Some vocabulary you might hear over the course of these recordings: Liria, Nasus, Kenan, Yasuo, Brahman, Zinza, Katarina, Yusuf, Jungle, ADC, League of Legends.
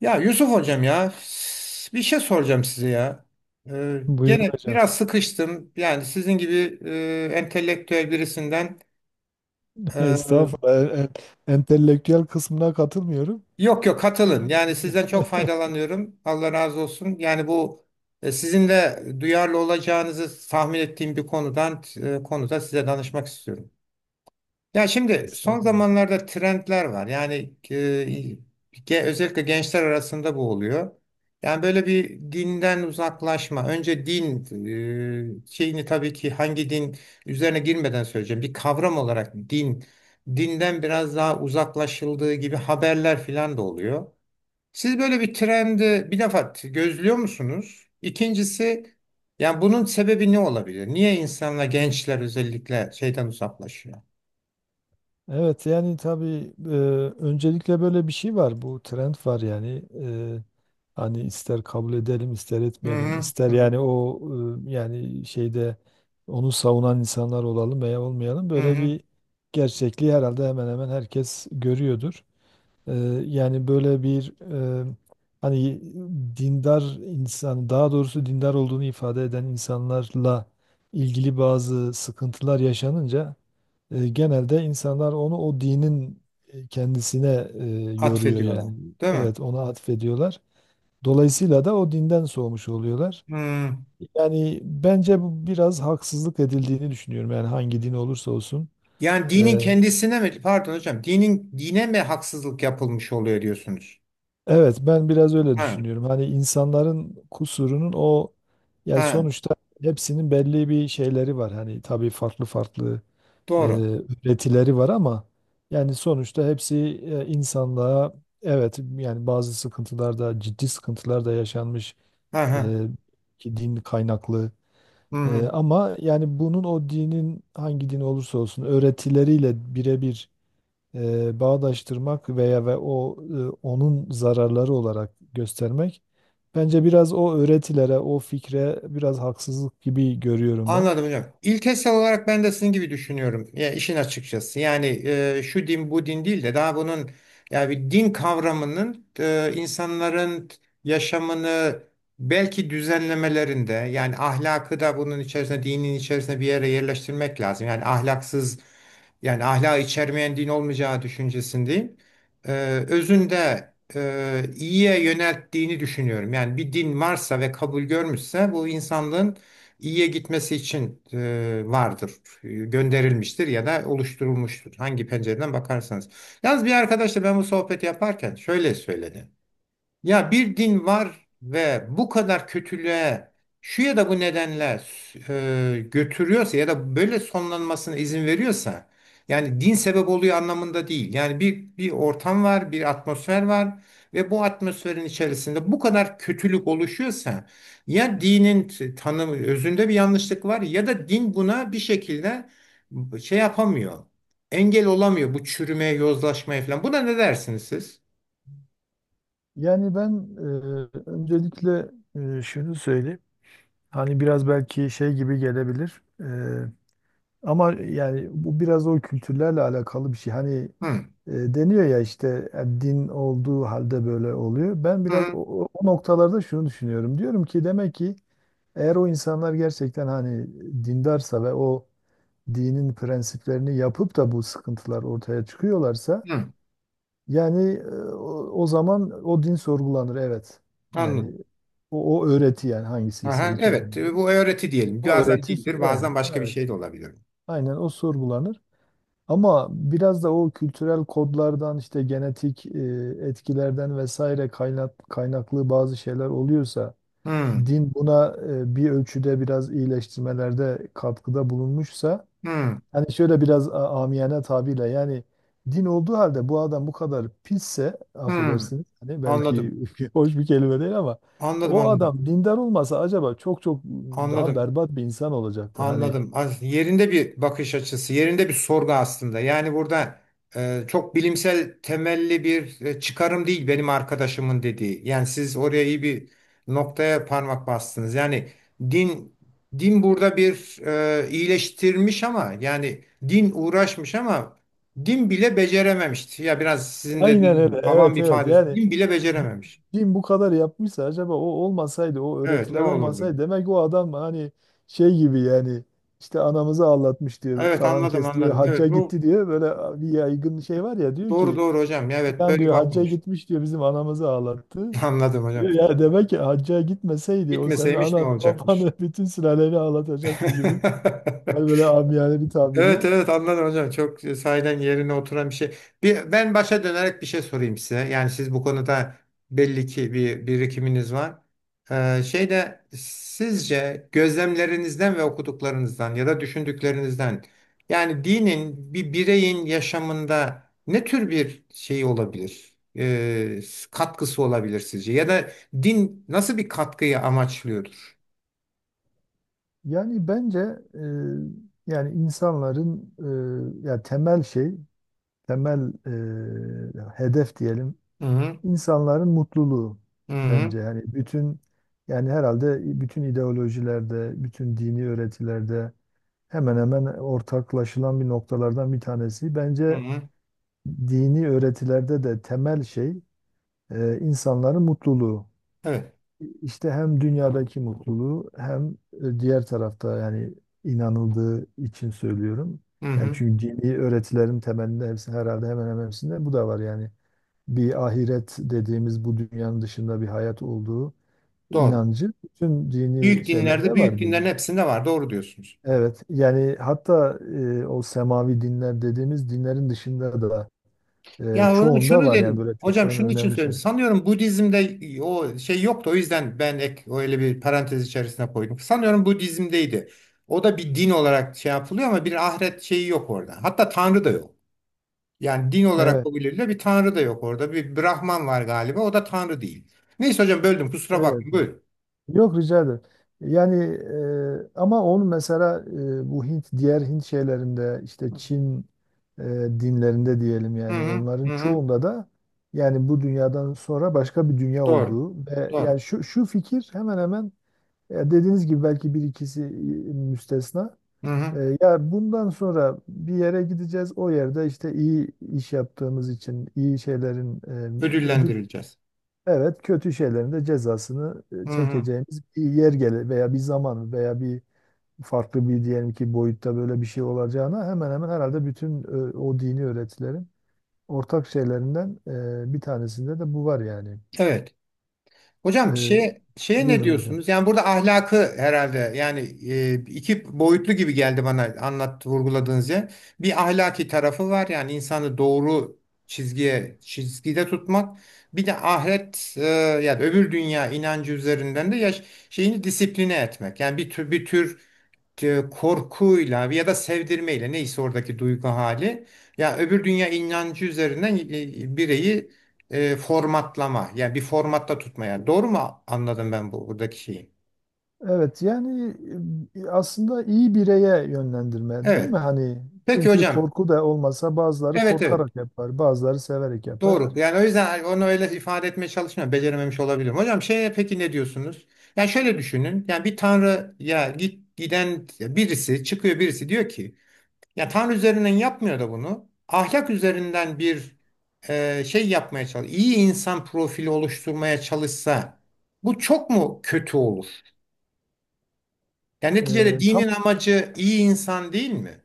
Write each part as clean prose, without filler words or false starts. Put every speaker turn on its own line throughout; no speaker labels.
Ya Yusuf hocam ya, bir şey soracağım size ya.
Buyurun
Gene
hocam.
biraz sıkıştım. Yani sizin gibi entelektüel birisinden e,
Estağfurullah. Entelektüel kısmına katılmıyorum.
yok yok katılın. Yani sizden çok faydalanıyorum. Allah razı olsun. Yani bu sizin de duyarlı olacağınızı tahmin ettiğim bir konuda size danışmak istiyorum. Ya şimdi son
Estağfurullah.
zamanlarda trendler var. Yani e, özellikle gençler arasında bu oluyor. Yani böyle bir dinden uzaklaşma. Önce din şeyini tabii ki hangi din üzerine girmeden söyleyeceğim. Bir kavram olarak din, dinden biraz daha uzaklaşıldığı gibi haberler falan da oluyor. Siz böyle bir trendi bir defa gözlüyor musunuz? İkincisi yani bunun sebebi ne olabilir? Niye insanlar gençler özellikle şeyden uzaklaşıyor?
Evet, yani tabii, öncelikle böyle bir şey var. Bu trend var yani. Hani ister kabul edelim, ister
Hı
etmeyelim,
hı, hı
ister
hı,
yani o, yani şeyde onu savunan insanlar olalım veya olmayalım.
hı
Böyle
hı.
bir gerçekliği herhalde hemen hemen herkes görüyordur. Ee, Yani böyle bir, e, hani dindar insan, daha doğrusu dindar olduğunu ifade eden insanlarla ilgili bazı sıkıntılar yaşanınca genelde insanlar onu o dinin kendisine yoruyor
Atfediyorlar.
yani.
Değil mi?
Evet, ona atfediyorlar. Dolayısıyla da o dinden soğumuş oluyorlar.
Hı.
Yani bence bu biraz haksızlık edildiğini düşünüyorum. Yani hangi din olursa olsun.
Yani dinin
Ee,
kendisine mi, pardon hocam, dinin dine mi haksızlık yapılmış oluyor diyorsunuz?
Evet, ben biraz öyle
Ha,
düşünüyorum. Hani insanların kusurunun o, yani
ha,
sonuçta hepsinin belli bir şeyleri var. Hani tabii farklı farklı e,
doğru.
üretileri var ama yani sonuçta hepsi, insanlığa, evet yani bazı sıkıntılar da, ciddi sıkıntılar da yaşanmış,
Ha, ha.
e, ki din kaynaklı. Ama yani bunun o dinin, hangi din olursa olsun, öğretileriyle birebir bağdaştırmak veya, ve o, onun zararları olarak göstermek bence biraz o öğretilere, o fikre biraz haksızlık gibi görüyorum ben.
Anladım hocam. İlkesel olarak ben de sizin gibi düşünüyorum. Ya işin açıkçası. Yani şu din bu din değil de daha bunun yani bir din kavramının insanların yaşamını belki düzenlemelerinde, yani ahlakı da bunun içerisine, dinin içerisine bir yere yerleştirmek lazım. Yani ahlaksız, yani ahlak içermeyen din olmayacağı düşüncesindeyim. Ee, Özünde iyiye yönelttiğini düşünüyorum. Yani bir din varsa ve kabul görmüşse, bu insanlığın iyiye gitmesi için vardır. Gönderilmiştir ya da oluşturulmuştur. Hangi pencereden bakarsanız. Yalnız bir arkadaşla ben bu sohbeti yaparken şöyle söyledi. Ya bir din var ve bu kadar kötülüğe şu ya da bu nedenle götürüyorsa ya da böyle sonlanmasına izin veriyorsa, yani din sebep oluyor anlamında değil. Yani bir ortam var, bir atmosfer var ve bu atmosferin içerisinde bu kadar kötülük oluşuyorsa, ya dinin tanımı özünde bir yanlışlık var ya da din buna bir şekilde şey yapamıyor. Engel olamıyor bu çürümeye, yozlaşmaya falan. Buna ne dersiniz siz?
Yani ben, öncelikle, şunu söyleyeyim. Hani biraz belki şey gibi gelebilir. Ama yani bu biraz o kültürlerle alakalı bir şey. Hani
Hı.
deniyor ya işte, din olduğu halde böyle oluyor. Ben
Hı
biraz o,
hı.
o o noktalarda şunu düşünüyorum. Diyorum ki demek ki, eğer o insanlar gerçekten hani dindarsa ve o dinin prensiplerini yapıp da bu sıkıntılar ortaya çıkıyorlarsa,
Hı.
yani o zaman o din sorgulanır, evet. Yani
Anladım.
o öğreti, yani hangisiyse,
Aha,
hiç
evet,
önemli
e,
değil.
bu öğreti diyelim.
O
Bazen
öğreti
dildir, bazen başka bir
evet.
şey de olabilir.
Aynen o sorgulanır. Ama biraz da o kültürel kodlardan, işte genetik etkilerden vesaire, kaynaklı bazı şeyler oluyorsa,
Hmm,
din buna bir ölçüde biraz iyileştirmelerde katkıda bulunmuşsa,
hmm,
hani şöyle biraz amiyane tabirle, yani din olduğu halde bu adam bu kadar pisse,
hmm.
affedersiniz, hani belki
Anladım,
hoş bir kelime değil ama
anladım,
o
anladım,
adam dindar olmasa acaba çok çok daha
anladım.
berbat bir insan olacaktı hani.
Anladım. Yerinde bir bakış açısı, yerinde bir sorgu aslında. Yani burada çok bilimsel temelli bir çıkarım değil benim arkadaşımın dediği. Yani siz oraya iyi bir noktaya parmak bastınız. Yani din din burada bir iyileştirmiş, ama yani din uğraşmış, ama din bile becerememişti. Ya biraz sizin de
Aynen
dediğiniz
öyle,
gibi, havan bir
evet, evet,
ifadesi.
yani.
Din bile becerememiş.
Din bu kadar yapmışsa acaba, o olmasaydı, o
Evet, ne
öğretiler
olurdu?
olmasaydı, demek o adam hani şey gibi yani. İşte anamızı ağlatmış diyor
Evet
falan,
anladım
kes diyor
anladım.
hacca
Evet bu
gitti diyor. Böyle bir yaygın şey var ya, diyor
doğru,
ki,
doğru hocam. Evet
falan
böyle
diyor, hacca
bakmamış.
gitmiş diyor, bizim anamızı ağlattı.
Anladım
Diyor
hocam.
ya, demek ki hacca gitmeseydi o senin
Gitmeseymiş ne
ananı
olacakmış?
babanı, bütün sülaleni ağlatacaktı gibi. Yani böyle amiyane bir tabirle.
Evet evet anladım hocam. Çok sahiden yerine oturan bir şey. Bir, ben başa dönerek bir şey sorayım size. Yani siz bu konuda belli ki bir birikiminiz var. Şeyde sizce gözlemlerinizden ve okuduklarınızdan ya da düşündüklerinizden yani dinin bir bireyin yaşamında ne tür bir şey olabilir? Katkısı olabilir sizce? Ya da din nasıl bir katkıyı amaçlıyordur?
Yani bence, e, yani insanların, ya temel şey, temel hedef diyelim,
Hı hı,
insanların mutluluğu
hı hı,
bence yani bütün, yani herhalde bütün ideolojilerde, bütün dini öğretilerde hemen hemen ortaklaşılan bir noktalardan bir tanesi
hı
bence
hı.
dini öğretilerde de temel şey, insanların mutluluğu.
Evet.
İşte hem dünyadaki mutluluğu hem diğer tarafta, yani inanıldığı için söylüyorum.
Hı
Yani
hı.
çünkü dini öğretilerin temelinde, hepsi herhalde, hemen hemen hepsinde bu da var yani, bir ahiret dediğimiz bu dünyanın dışında bir hayat olduğu
Doğru.
inancı bütün dini
Büyük dinlerde,
şeylerde
büyük
var bir.
dinlerin hepsinde var. Doğru diyorsunuz.
Evet yani, hatta, o semavi dinler dediğimiz dinlerin dışında da,
Ya onu
çoğunda
şunu
var yani
dedim.
böyle çok
Hocam şunun için
önemli
söylüyorum,
şeyler.
sanıyorum Budizm'de o şey yoktu. O yüzden ben ek öyle bir parantez içerisine koydum. Sanıyorum Budizm'deydi. O da bir din olarak şey yapılıyor, ama bir ahiret şeyi yok orada. Hatta tanrı da yok. Yani din olarak
Evet,
kabul edilen bir tanrı da yok orada. Bir Brahman var galiba. O da tanrı değil. Neyse hocam böldüm. Kusura
evet.
bakmayın. Buyurun.
Yok, rica ederim. Yani, ama onu mesela, bu Hint, diğer Hint şeylerinde, işte Çin e, dinlerinde diyelim,
Hı
yani
hı,
onların
hı hı.
çoğunda da, yani bu dünyadan sonra başka bir dünya
Doğru.
olduğu ve
Doğru.
yani şu fikir hemen hemen, dediğiniz gibi belki bir ikisi müstesna.
Hı hı.
Ya bundan sonra bir yere gideceğiz. O yerde işte iyi iş yaptığımız için iyi şeylerin ödül.
Ödüllendirileceğiz.
Evet, kötü şeylerin de cezasını
Hı hı.
çekeceğimiz bir yer gele veya bir zaman veya bir, farklı bir diyelim ki, boyutta böyle bir şey olacağına hemen hemen herhalde bütün o dini öğretilerin ortak şeylerinden bir tanesinde de bu var yani.
Evet.
E,
Hocam şey, şeye ne
Buyurun hocam.
diyorsunuz? Yani burada ahlakı herhalde, yani iki boyutlu gibi geldi bana anlat vurguladığınız yer. Bir ahlaki tarafı var, yani insanı doğru çizgide tutmak. Bir de ahiret yani öbür dünya inancı üzerinden de yaş, şeyini disipline etmek. Yani bir tür korkuyla ya da sevdirmeyle, neyse oradaki duygu hali, ya öbür dünya inancı üzerinden bireyi formatlama, yani bir formatta tutmaya, doğru mu anladım ben bu buradaki şeyi?
Evet yani, aslında iyi bireye yönlendirme değil
Evet.
mi? Hani
Peki
çünkü
hocam.
korku da olmasa, bazıları
Evet evet.
korkarak yapar, bazıları severek yapar.
Doğru. Yani o yüzden onu öyle ifade etmeye çalışmıyorum. Becerememiş olabilirim. Hocam şeye peki ne diyorsunuz? Yani şöyle düşünün. Yani bir tanrı ya giden birisi çıkıyor, birisi diyor ki ya Tanrı üzerinden yapmıyor da bunu. Ahlak üzerinden bir şey yapmaya çalış. İyi insan profili oluşturmaya çalışsa bu çok mu kötü olur? Yani neticede
E, tam
dinin amacı iyi insan değil mi?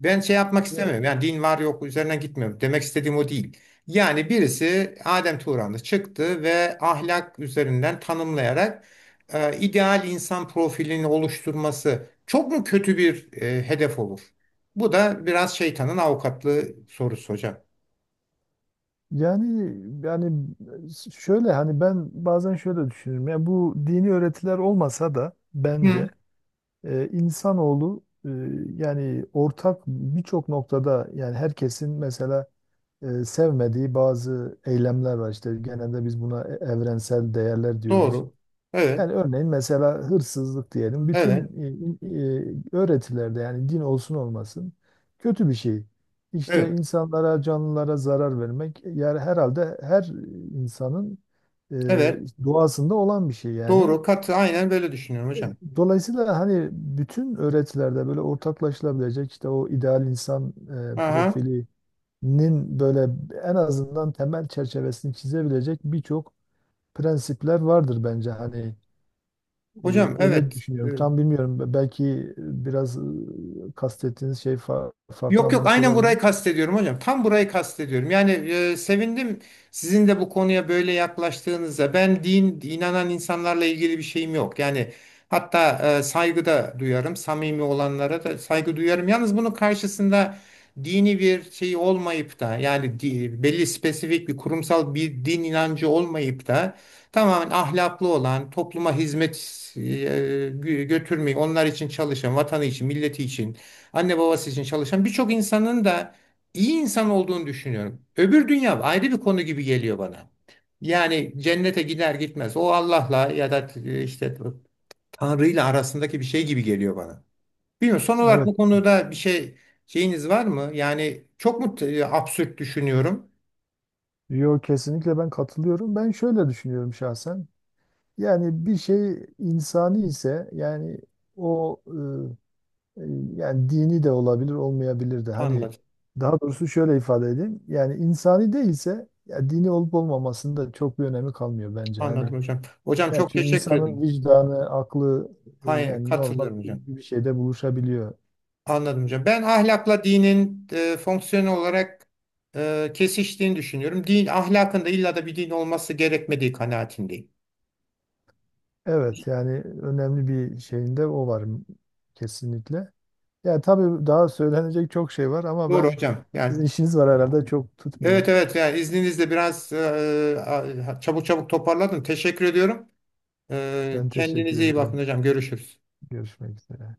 Ben şey yapmak istemiyorum.
e,
Yani din var yok üzerinden gitmiyorum. Demek istediğim o değil. Yani birisi Adem Turan'ı çıktı ve ahlak üzerinden tanımlayarak ideal insan profilini oluşturması çok mu kötü bir hedef olur? Bu da biraz şeytanın avukatlığı sorusu hocam.
Yani yani şöyle, hani ben bazen şöyle düşünüyorum. Ya bu dini öğretiler olmasa da
Hı,
bence, insanoğlu, yani ortak birçok noktada, yani herkesin mesela sevmediği bazı eylemler var. İşte genelde biz buna evrensel değerler diyoruz.
doğru. Evet,
Yani örneğin, mesela, hırsızlık diyelim. Bütün
evet,
e, öğretilerde, yani din olsun olmasın, kötü bir şey. İşte
evet,
insanlara, canlılara zarar vermek, yani herhalde her insanın e,
evet.
doğasında olan bir şey yani.
Doğru. Katı aynen böyle düşünüyorum
E,
hocam.
Dolayısıyla hani bütün öğretilerde böyle ortaklaşılabilecek, işte o ideal insan
Aha.
profilinin böyle en azından temel çerçevesini çizebilecek birçok prensipler vardır bence. Hani ee,
Hocam evet.
öyle
E,
düşünüyorum. Tam bilmiyorum. Belki biraz kastettiğiniz şey farklı
yok yok
anlamış
aynen
olabilir.
burayı kastediyorum hocam. Tam burayı kastediyorum. Yani sevindim sizin de bu konuya böyle yaklaştığınızda. Ben din inanan insanlarla ilgili bir şeyim yok. Yani hatta saygı da duyarım. Samimi olanlara da saygı duyarım. Yalnız bunun karşısında dini bir şey olmayıp da yani belli spesifik bir kurumsal bir din inancı olmayıp da tamamen ahlaklı olan, topluma hizmet e, götürmeyi, onlar için çalışan, vatanı için, milleti için, anne babası için çalışan birçok insanın da iyi insan olduğunu düşünüyorum. Öbür dünya ayrı bir konu gibi geliyor bana. Yani cennete gider gitmez o Allah'la ya da işte Tanrı'yla arasındaki bir şey gibi geliyor bana. Bilmiyorum, son olarak
Evet.
bu konuda bir şey şeyiniz var mı? Yani çok mu absürt düşünüyorum?
Yo, kesinlikle ben katılıyorum. Ben şöyle düşünüyorum şahsen. Yani bir şey insani ise, yani o e, e, yani dini de olabilir, olmayabilir de. Hani
Anladım.
daha doğrusu şöyle ifade edeyim. Yani insani değilse ya, dini olup olmamasının da çok bir önemi kalmıyor bence.
Anladım
Hani
hocam. Hocam
yani
çok
çünkü
teşekkür ederim.
insanın vicdanı, aklı,
Hayır,
yani normal
katılıyorum hocam.
bir şeyde buluşabiliyor.
Anladım hocam. Ben ahlakla dinin fonksiyon olarak kesiştiğini düşünüyorum. Din ahlakın da illa da bir din olması gerekmediği kanaatindeyim.
Evet yani önemli bir şeyinde o var, kesinlikle. Ya tabii daha söylenecek çok şey var ama
Doğru
ben,
hocam. Yani
sizin işiniz var herhalde, çok
evet
tutmayayım.
evet, yani izninizle biraz çabuk çabuk toparladım. Teşekkür ediyorum. E,
Ben teşekkür
kendinize iyi bakın
ederim.
hocam. Görüşürüz.
Görüşmek üzere.